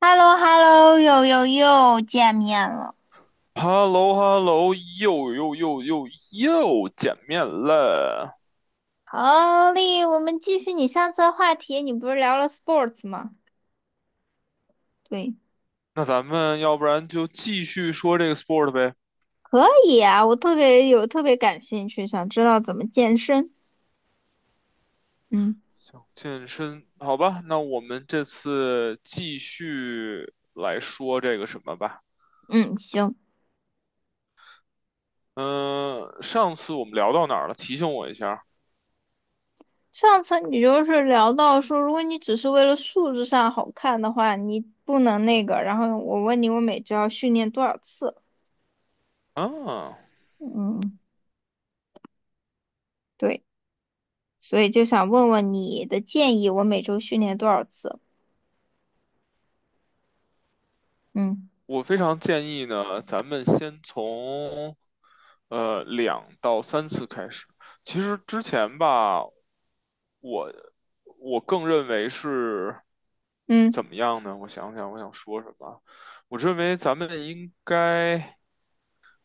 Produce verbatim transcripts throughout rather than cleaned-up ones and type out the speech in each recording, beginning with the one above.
H e l l o h e l l o 又又又见面了。h e l l o h e l l o 又又又又又见面了。好嘞，我们继续你上次的话题，你不是聊了 sports 吗？对，那咱们要不然就继续说这个 sport 呗。可以啊，我特别有特别感兴趣，想知道怎么健身。嗯想健身，好吧？那我们这次继续来说这个什么吧。嗯，行。嗯，上次我们聊到哪儿了？提醒我一下。上次你就是聊到说，如果你只是为了数字上好看的话，你不能那个。然后我问你，我每周要训练多少次？啊，嗯，对，所以就想问问你的建议，我每周训练多少次？嗯，我非常建议呢，咱们先从呃两到三次开始。其实之前吧，我我更认为是怎嗯，么样呢？我想想，我想说什么？我认为咱们应该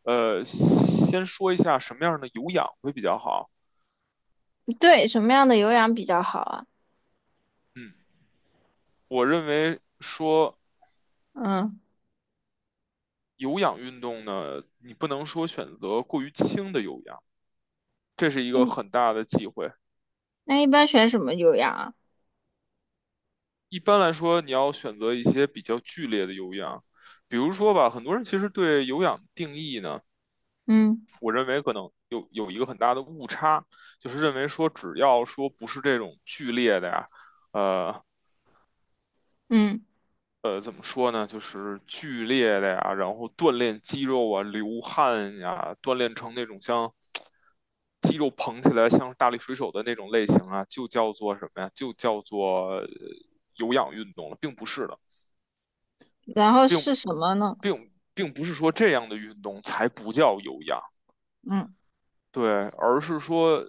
呃，先说一下什么样的有氧会比较好。对，什么样的有氧比较好啊？嗯，我认为说嗯有氧运动呢，你不能说选择过于轻的有氧，这是一个一很大的忌讳。那一般选什么有氧啊？一般来说，你要选择一些比较剧烈的有氧，比如说吧，很多人其实对有氧定义呢。嗯我认为可能有有一个很大的误差，就是认为说只要说不是这种剧烈的呀，呃嗯，呃，怎么说呢，就是剧烈的呀，然后锻炼肌肉啊、流汗呀，锻炼成那种像肌肉膨起来像大力水手的那种类型啊，就叫做什么呀？就叫做呃有氧运动了，并不是的，然后并是什么呢？并并不是说这样的运动才不叫有氧。嗯，对，而是说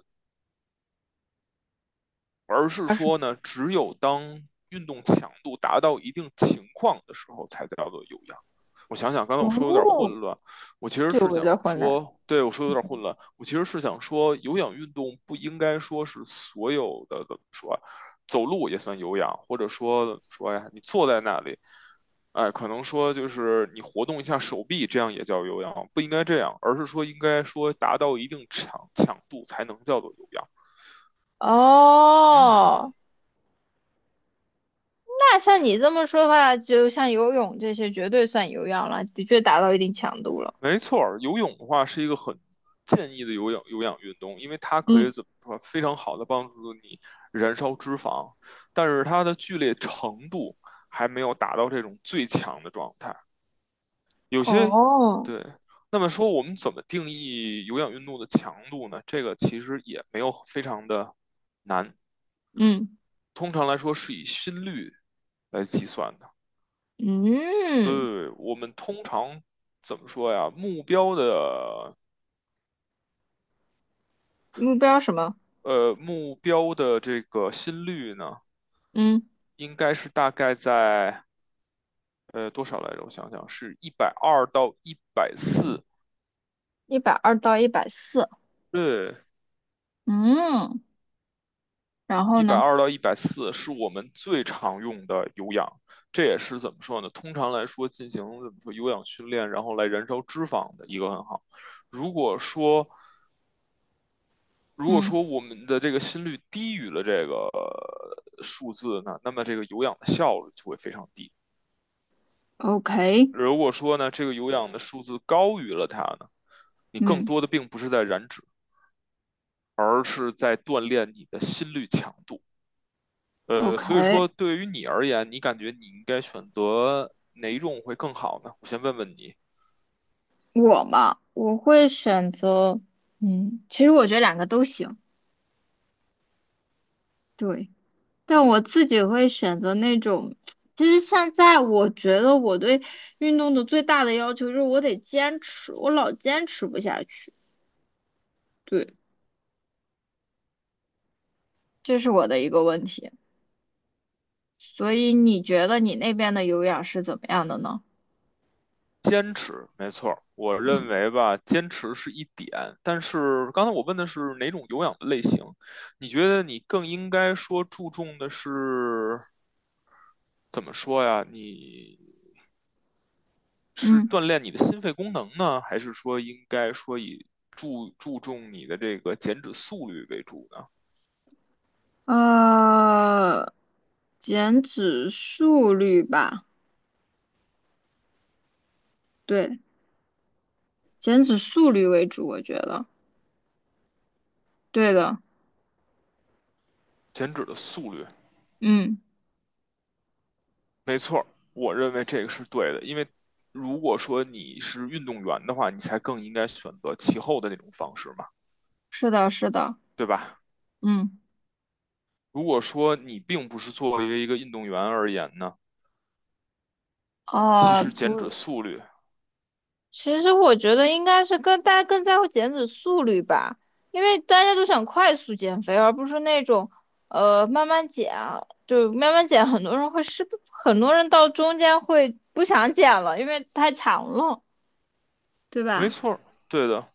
而是二十说呢，只有当运动强度达到一定情况的时候，才叫做有氧。我想想，刚才我说有点哦，混乱，我其实对是我有想点混乱。说，对我说有点混嗯乱，我其实是想说，有氧运动不应该说是所有的怎么说啊走路也算有氧，或者说说呀，你坐在那里，哎，可能说就是你活动一下手臂，这样也叫有氧，不应该这样，而是说应该说达到一定强强度才能叫做有氧。嗯，哦，那像你这么说的话，就像游泳这些，绝对算有氧了，的确达到一定强度了。没错儿，游泳的话是一个很建议的有氧有氧运动，因为它可嗯以怎么说，非常好的帮助你燃烧脂肪，但是它的剧烈程度还没有达到这种最强的状态。有些，哦，对，那么说我们怎么定义有氧运动的强度呢？这个其实也没有非常的难，嗯通常来说是以心率来计算的。嗯，对，我们通常怎么说呀？目标的目标什么？呃，目标的这个心率呢，嗯应该是大概在呃多少来着？我想想，是一百二到一百四，一百二到一百四。对，嗯，然后一百呢？二到一百四是我们最常用的有氧。这也是怎么说呢？通常来说，进行怎么说有氧训练，然后来燃烧脂肪的一个很好。如果说如果嗯说我们的这个心率低于了这个呃数字呢，那么这个有氧的效率就会非常低。，OK。如果说呢，这个有氧的数字高于了它呢，你更嗯。多的并不是在燃脂，而是在锻炼你的心率强度。呃，所以 OK，说对于你而言，你感觉你应该选择哪一种会更好呢？我先问问你，我嘛，我会选择，嗯，其实我觉得两个都行。对，但我自己会选择那种。其实现在我觉得我对运动的最大的要求就是我得坚持，我老坚持不下去，对，这是我的一个问题。所以你觉得你那边的有氧是怎么样的呢？坚持，没错儿，我认嗯为吧，坚持是一点，但是刚才我问的是哪种有氧的类型，你觉得你更应该说注重的是怎么说呀？你是嗯，锻炼你的心肺功能呢，还是说应该说以注注重你的这个减脂速率为主呢？呃，减脂速率吧，对，减脂速率为主，我觉得，对的。减脂的速率，嗯，没错。我认为这个是对的，因为如果说你是运动员的话，你才更应该选择其后的那种方式嘛，是的，是的，对吧？嗯，如果说你并不是作为一个运动员而言呢，其哦，实减脂不，速率，其实我觉得应该是跟大家更在乎减脂速率吧，因为大家都想快速减肥，而不是那种呃慢慢减啊，就慢慢减。很多人会失很多人到中间会不想减了，因为太长了，对没吧？错，对的，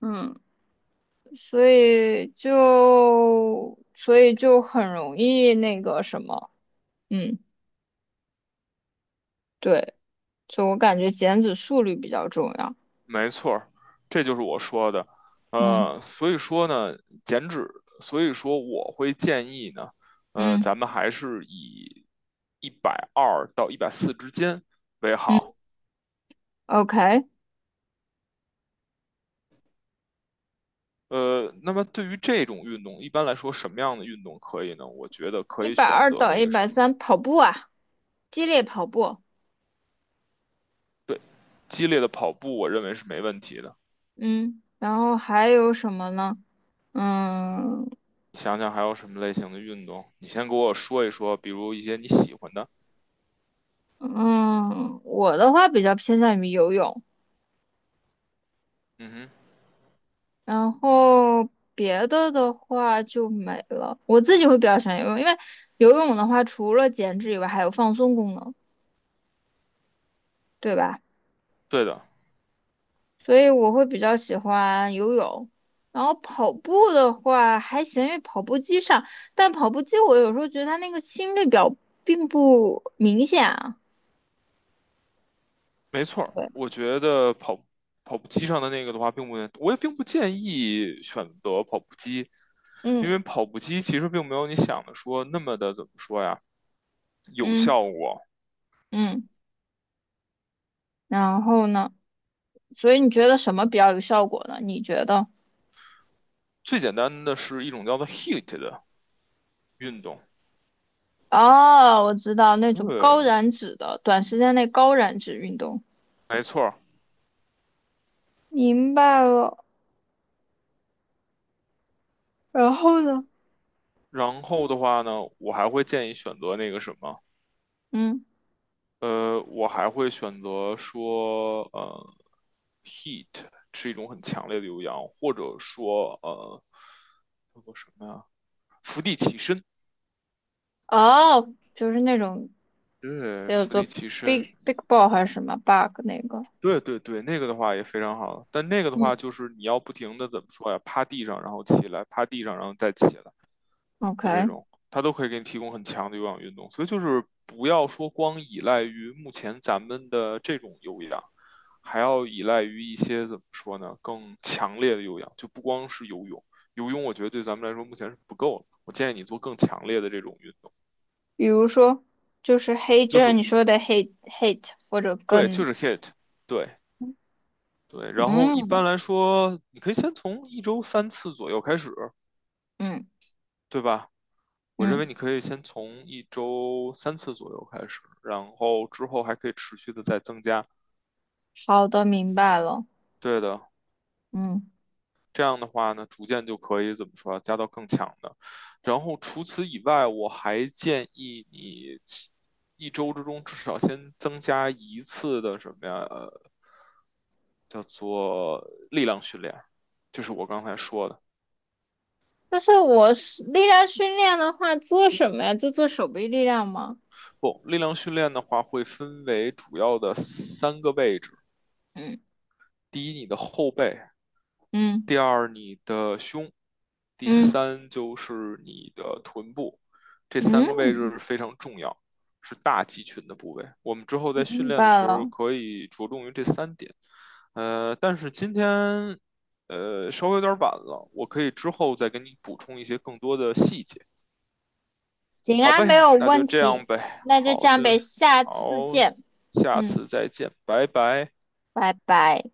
嗯，所以就所以就很容易那个什么，嗯，对，就我感觉减脂速率比较重要，没错儿，这就是我说的。嗯。呃，所以说呢，减脂，所以说我会建议呢，呃，嗯。咱们还是以一百二到一百四之间为嗯好。，OK，呃，那么对于这种运动，一般来说什么样的运动可以呢？我觉得可一以百选二择到那一个什百么，三跑步啊，激烈跑步。对，激烈的跑步，我认为是没问题的。嗯，然后还有什么呢？嗯想想还有什么类型的运动，你先给我说一说，比如一些你喜欢的。嗯，我的话比较偏向于游泳，嗯哼，然后别的的话就没了。我自己会比较喜欢游泳，因为游泳的话除了减脂以外，还有放松功能，对吧？对的。所以我会比较喜欢游泳，然后跑步的话还行，因为跑步机上，但跑步机我有时候觉得它那个心率表并不明显啊。没错儿，对，我觉得跑跑步机上的那个的话，并不，我也并不建议选择跑步机，因嗯，为跑步机其实并没有你想的说那么的怎么说呀，有嗯效果。嗯，然后呢？所以你觉得什么比较有效果呢？你觉得？最简单的是一种叫做 h e a t 的运动，哦，我知道那种高对，燃脂的，短时间内高燃脂运动。没错儿。明白了。然后呢？然后的话呢，我还会建议选择那个什么，嗯，呃，我还会选择说，呃 h e a t 是一种很强烈的有氧，或者说，呃，叫做什么呀？伏地起身。哦，就是那种对，叫伏做 地起 big 身，big ball 还是什么 bug 那个。对对对，那个的话也非常好，但那个的话嗯。就是你要不停的怎么说呀，趴地上然后起来，趴地上然后再起来的这 OK，种，它都可以给你提供很强的有氧运动，所以就是不要说光依赖于目前咱们的这种有氧，还要依赖于一些怎么说呢，更强烈的有氧，就不光是游泳，游泳我觉得对咱们来说目前是不够的，我建议你做更强烈的这种运动，比如说就是黑，就就是像你说的 hate hate 或者对，就更，是 h i I t 对。对，然后一般嗯来说，你可以先从一周三次左右开始，嗯对吧？我认为嗯，你可以先从一周三次左右开始，然后之后还可以持续的再增加。好的，明白了，对的，嗯。这样的话呢，逐渐就可以怎么说啊，加到更强的。然后除此以外，我还建议你一周之中至少先增加一次的什么呀，呃，叫做力量训练，就是我刚才说的。但是我是力量训练的话，做什么呀？就做手臂力量吗？不，力量训练的话会分为主要的三个位置：嗯第一，你的后背；嗯第二，你的胸；第嗯三，就是你的臀部。这三个位置嗯，是非常重要，是大肌群的部位。我们之后在训明练的时白候了。可以着重于这三点。呃，但是今天呃稍微有点晚了，我可以之后再给你补充一些更多的细节。行好啊，没呗，有那就问这样题。呗。那就这好样的，呗，下次好，见。下嗯，次再见，拜拜。拜拜。